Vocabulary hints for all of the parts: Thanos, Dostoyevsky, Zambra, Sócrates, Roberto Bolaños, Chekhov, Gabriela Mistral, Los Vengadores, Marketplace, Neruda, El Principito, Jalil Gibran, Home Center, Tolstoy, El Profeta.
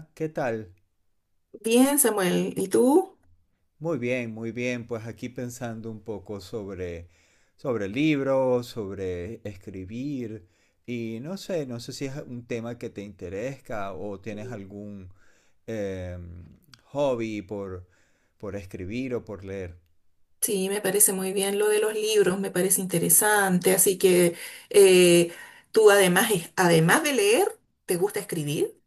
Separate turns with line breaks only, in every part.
Hola, ¿qué tal?
Bien, Samuel, ¿y tú?
Muy bien, muy bien. Pues aquí pensando un poco sobre libros, sobre escribir y no sé, no sé si es un tema que te interesa o tienes algún em, hobby por escribir o por leer.
Sí, me parece muy bien lo de los libros, me parece interesante, así que eh, tú además, además de leer, ¿te gusta escribir?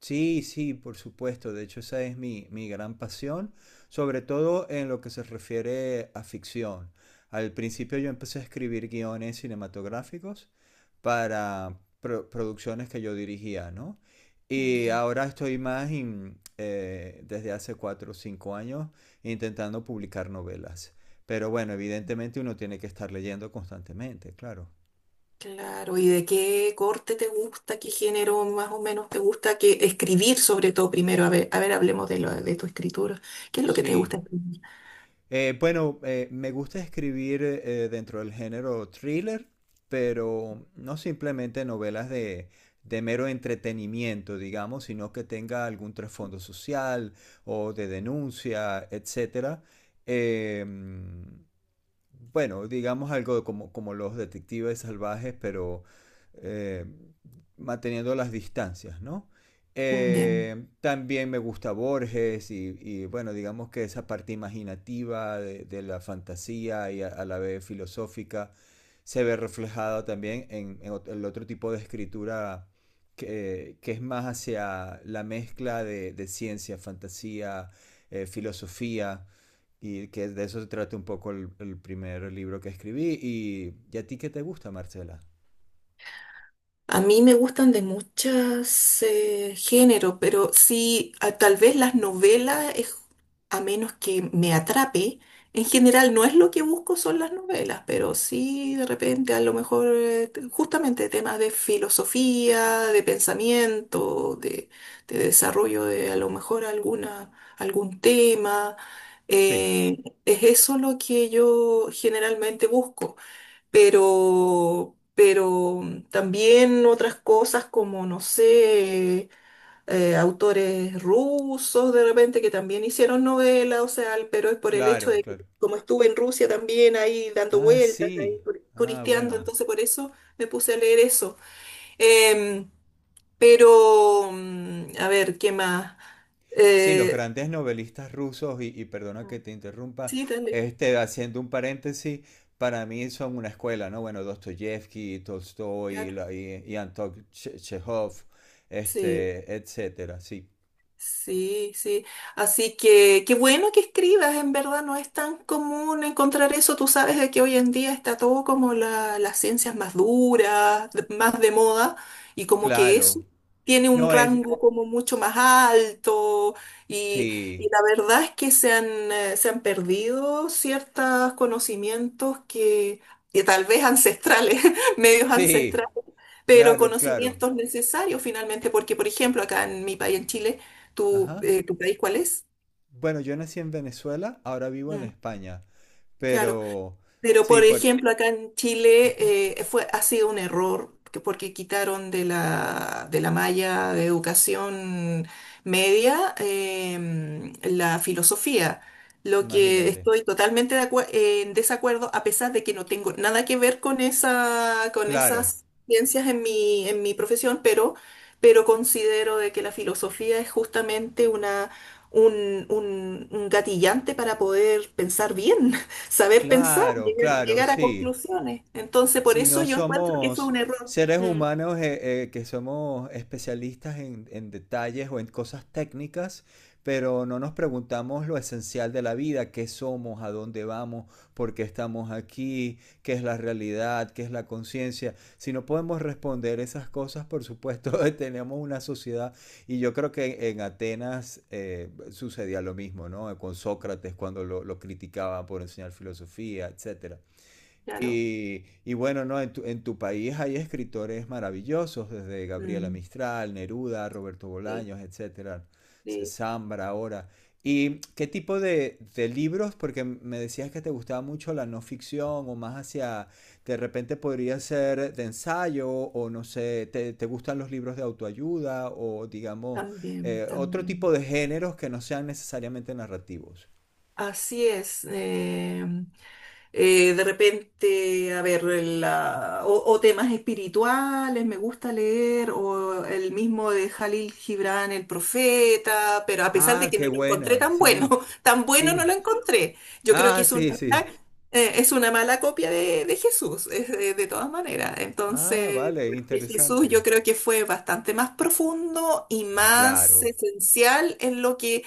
Sí, sí, por supuesto. De hecho, esa es mi gran pasión, sobre todo en lo que se refiere a ficción. Al principio yo empecé a escribir guiones cinematográficos para producciones que yo dirigía, ¿no? Y
Ya.
ahora estoy más desde hace 4 o 5 años intentando publicar novelas. Pero bueno, evidentemente uno tiene que estar leyendo constantemente, claro.
Claro, ¿y de qué corte te gusta, qué género más o menos te gusta, que escribir sobre todo primero? A ver, hablemos de tu escritura. ¿Qué es lo que te gusta
Sí.
escribir?
Bueno, me gusta escribir dentro del género thriller, pero no simplemente novelas de mero entretenimiento, digamos, sino que tenga algún trasfondo social o de denuncia, etcétera. Em, bueno, digamos algo como los detectives salvajes, pero eh, manteniendo las distancias, ¿no? También me gusta Borges y bueno, digamos que esa parte imaginativa de la fantasía y la vez filosófica se ve reflejada también el otro tipo de escritura que es más hacia la mezcla de ciencia, fantasía, filosofía. Y que de eso se trata un poco el primer libro que escribí. Y ¿y a ti qué te gusta, Marcela?
A mí me gustan de muchos géneros, pero sí, tal vez las novelas, a menos que me atrape, en general no es lo que busco son las novelas, pero sí de repente a lo mejor justamente temas de filosofía, de pensamiento, de desarrollo de a lo mejor algún tema.
Sí,
eh, es eso lo que yo generalmente busco, pero también otras cosas como, no sé, autores rusos de repente que también hicieron novelas, o sea, pero es por el hecho
claro,
de que
claro.
como estuve en Rusia también ahí dando
Ah,
vueltas,
sí.
ahí
Ah,
turisteando,
bueno.
entonces por eso me puse a leer eso. Em, pero, a ver, ¿qué más?
Sí, los
Eh,
grandes novelistas rusos, y perdona que te interrumpa,
sí, dale.
este, haciendo un paréntesis, para mí son una escuela, ¿no? Bueno, Dostoyevsky, Tolstoy,
Claro,
y Anton Chekhov,
sí.
este, etcétera, sí.
Sí, sí. Así que qué bueno que escribas, en verdad no es tan común encontrar eso. Tú sabes de que hoy en día está todo como las ciencias más duras, más de moda, y como que
Claro.
eso tiene un
No es...
rango como mucho más alto, y, y
Sí,
la verdad es que se han perdido ciertos conocimientos que tal vez ancestrales, medios
sí,
ancestrales, pero
claro, claro.
conocimientos necesarios finalmente, porque por ejemplo acá en mi país, en Chile. ¿Tu,
Ajá.
eh, tu país cuál es?
Bueno, yo nací en Venezuela, ahora vivo en
Mm,
España,
claro.
pero
Pero,
sí,
por
por...
ejemplo, acá en Chile
Ujú,
ha sido un error porque quitaron de la malla de educación media, la filosofía. Lo que
imagínate.
estoy totalmente en desacuerdo, a pesar de que no tengo nada que ver con con
Claro,
esas ciencias en mi profesión, pero considero de que la filosofía es justamente una, un gatillante para poder pensar bien. Saber pensar,
claro, claro,
llegar a
sí.
conclusiones. Entonces, por
Si
eso
no
yo encuentro que fue
somos
un error.
seres
Mm,
humanos que somos especialistas en detalles o en cosas técnicas, pero no nos preguntamos lo esencial de la vida, qué somos, a dónde vamos, por qué estamos aquí, qué es la realidad, qué es la conciencia. Si no podemos responder esas cosas, por supuesto, tenemos una sociedad y yo creo que en Atenas sucedía lo mismo, ¿no? Con Sócrates cuando lo criticaba por enseñar filosofía, etcétera.
claro.
Y bueno, ¿no? En en tu país hay escritores maravillosos, desde Gabriela
Mm,
Mistral, Neruda, Roberto
sí,
Bolaños, etcétera,
sí,
Zambra ahora. ¿Y qué tipo de libros? Porque me decías que te gustaba mucho la no ficción o más hacia, de repente podría ser de ensayo o no sé, te gustan los libros de autoayuda o digamos
también,
otro tipo
también.
de géneros que no sean necesariamente narrativos?
Así es. De repente, a ver, o temas espirituales, me gusta leer, o el mismo de Jalil Gibran, El Profeta, pero a pesar de
Ah,
que
qué
no lo encontré
buena,
tan bueno,
sí,
tan
sí.
bueno no lo encontré. Yo creo que
Ah, sí, sí.
es una mala copia de Jesús, de todas maneras.
Ah,
Entonces,
vale,
porque Jesús
interesante.
yo creo que fue bastante más profundo y
Claro,
más esencial en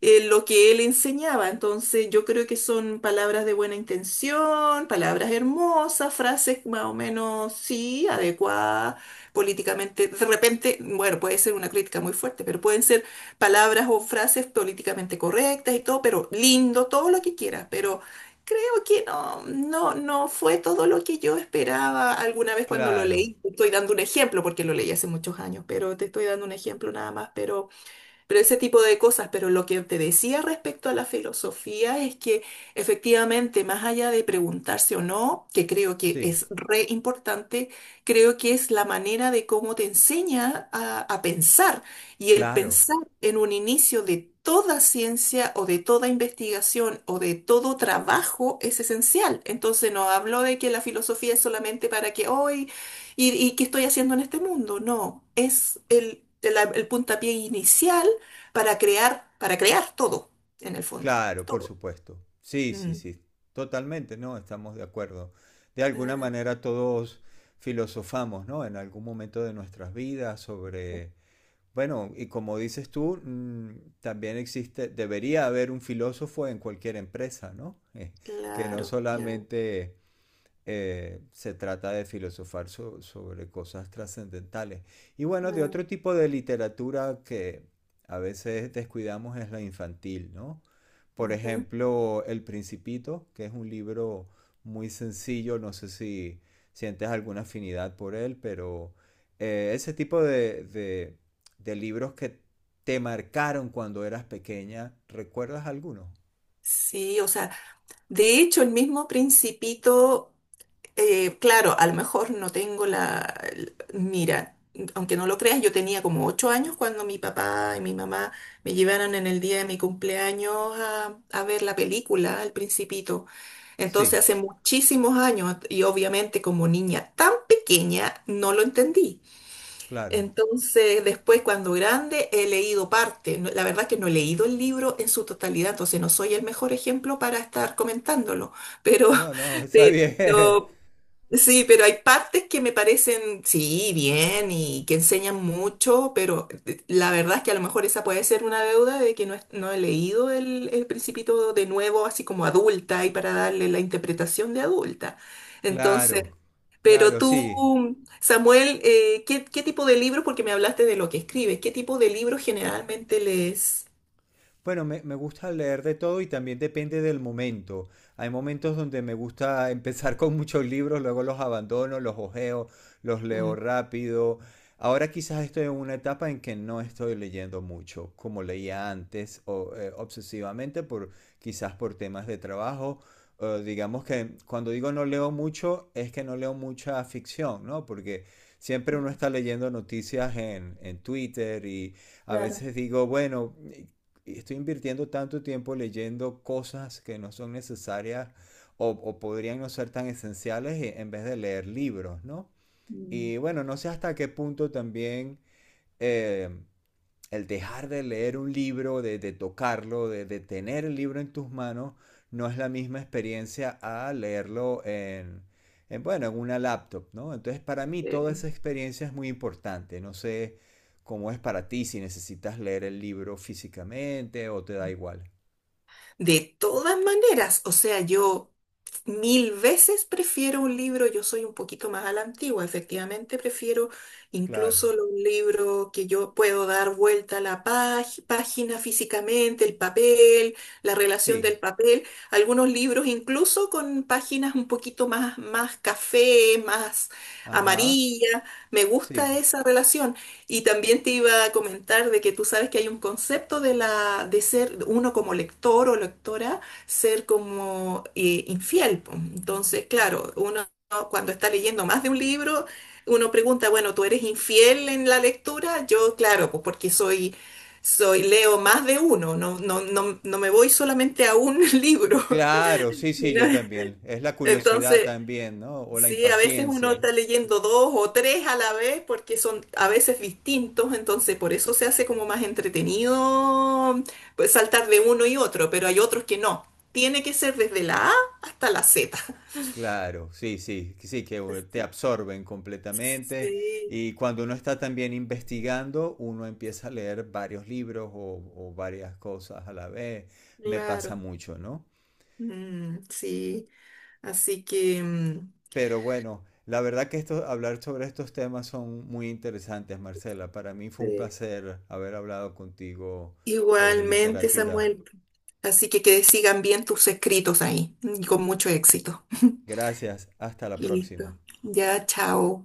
lo que él enseñaba. Entonces, yo creo que son palabras de buena intención, palabras hermosas, frases más o menos, sí, adecuadas políticamente. De repente, bueno, puede ser una crítica muy fuerte, pero pueden ser palabras o frases políticamente correctas y todo, pero lindo, todo lo que quieras, pero. Creo que no, no, no fue todo lo que yo esperaba alguna vez cuando lo
claro.
leí. Te estoy dando un ejemplo porque lo leí hace muchos años, pero te estoy dando un ejemplo nada más. Pero ese tipo de cosas. Pero lo que te decía respecto a la filosofía es que efectivamente, más allá de preguntarse o no, que creo que
Sí,
es re importante, creo que es la manera de cómo te enseña a pensar. Y el
claro,
pensar en un inicio de toda ciencia o de toda investigación o de todo trabajo es esencial. Entonces no hablo de que la filosofía es solamente para que hoy y qué estoy haciendo en este mundo. No, es el puntapié inicial para crear todo, en el fondo,
claro, por
todo.
supuesto. Sí, sí,
Mm.
sí. Totalmente, ¿no? Estamos de acuerdo. De alguna
eh,
manera todos filosofamos, ¿no? En algún momento de nuestras vidas sobre... Bueno, y como dices tú, mm, también existe, debería haber un filósofo en cualquier empresa, ¿no? Que no
claro, ya.
solamente se trata de filosofar sobre cosas trascendentales. Y bueno, de
Mm.
otro tipo de literatura que a veces descuidamos es la infantil, ¿no? Por
Ujú.
ejemplo, El Principito, que es un libro muy sencillo, no sé si sientes alguna afinidad por él, pero ese tipo de libros que te marcaron cuando eras pequeña, ¿recuerdas alguno?
Sí, o sea, de hecho el mismo Principito. Claro, a lo mejor no tengo. Mira, aunque no lo creas, yo tenía como 8 años cuando mi papá y mi mamá me llevaron en el día de mi cumpleaños a ver la película, El Principito. Entonces
Sí,
hace muchísimos años y obviamente como niña tan pequeña no lo entendí.
claro.
Entonces, después, cuando grande, he leído parte. La verdad que no he leído el libro en su totalidad, entonces no soy el mejor ejemplo para estar comentándolo, pero,
No, no, está bien.
pero. Sí, pero hay partes que me parecen, sí, bien y que enseñan mucho, pero la verdad es que a lo mejor esa puede ser una deuda de que no, no he leído el Principito de nuevo, así como adulta, y para darle la interpretación de adulta.
Claro,
Entonces, pero
claro, sí.
tú, Samuel, qué tipo de libros, porque me hablaste de lo que escribes, qué tipo de libros generalmente lees?
Bueno, me gusta leer de todo y también depende del momento. Hay momentos donde me gusta empezar con muchos libros, luego los abandono, los ojeo, los leo
Mm.
rápido. Ahora quizás estoy en una etapa en que no estoy leyendo mucho, como leía antes, o, obsesivamente, por, quizás por temas de trabajo. Digamos que cuando digo no leo mucho, es que no leo mucha ficción, ¿no? Porque siempre uno está leyendo noticias en Twitter y a veces digo, bueno, estoy invirtiendo tanto tiempo leyendo cosas que no son necesarias o podrían no ser tan esenciales e, en vez de leer libros, ¿no? Y bueno, no sé hasta qué punto también eh, el dejar de leer un libro, de tocarlo, de tener el libro en tus manos, no es la misma experiencia a leerlo en, bueno, en una laptop, ¿no? Entonces, para mí toda
eh,
esa experiencia es muy importante. No sé cómo es para ti, si necesitas leer el libro físicamente o te da igual.
De todas maneras, o sea, yo. Mil veces prefiero un libro, yo soy un poquito más a la antigua, efectivamente prefiero
Claro.
incluso los libros que yo puedo dar vuelta a la página físicamente, el papel, la relación
Sí.
del papel, algunos libros incluso con páginas un poquito más, café, más
Ajá.
amarilla, me gusta
Sí.
esa relación. Y también te iba a comentar de que tú sabes que hay un concepto de ser uno como lector o lectora, ser como infiel po. Entonces, claro, uno cuando está leyendo más de un libro, uno pregunta, bueno, ¿tú eres infiel en la lectura? Yo, claro, pues porque soy, leo más de uno, no, no, no, no me voy solamente a un libro
Claro, sí,
ni
sí, yo
nada.
también. Es la curiosidad
Entonces,
también, ¿no? O la
sí, a veces uno
impaciencia.
está
Sí.
leyendo dos o tres a la vez porque son a veces distintos, entonces por eso se hace como más entretenido pues, saltar de uno y otro, pero hay otros que no. Tiene que ser desde la A hasta la Z.
Claro, sí, sí, que te
Sí,
absorben completamente
sí,
y cuando uno está también investigando, uno empieza a leer varios libros o varias cosas a la vez. Me pasa
claro.
mucho, ¿no?
Mm, sí, así que mm,
Pero bueno, la verdad que esto, hablar sobre estos temas son muy interesantes, Marcela. Para mí fue un
Sí.
placer haber hablado contigo sobre
Igualmente,
literatura.
Samuel. Así que sigan bien tus escritos ahí y con mucho éxito.
Gracias, hasta la
Listo.
próxima.
Ya, chao.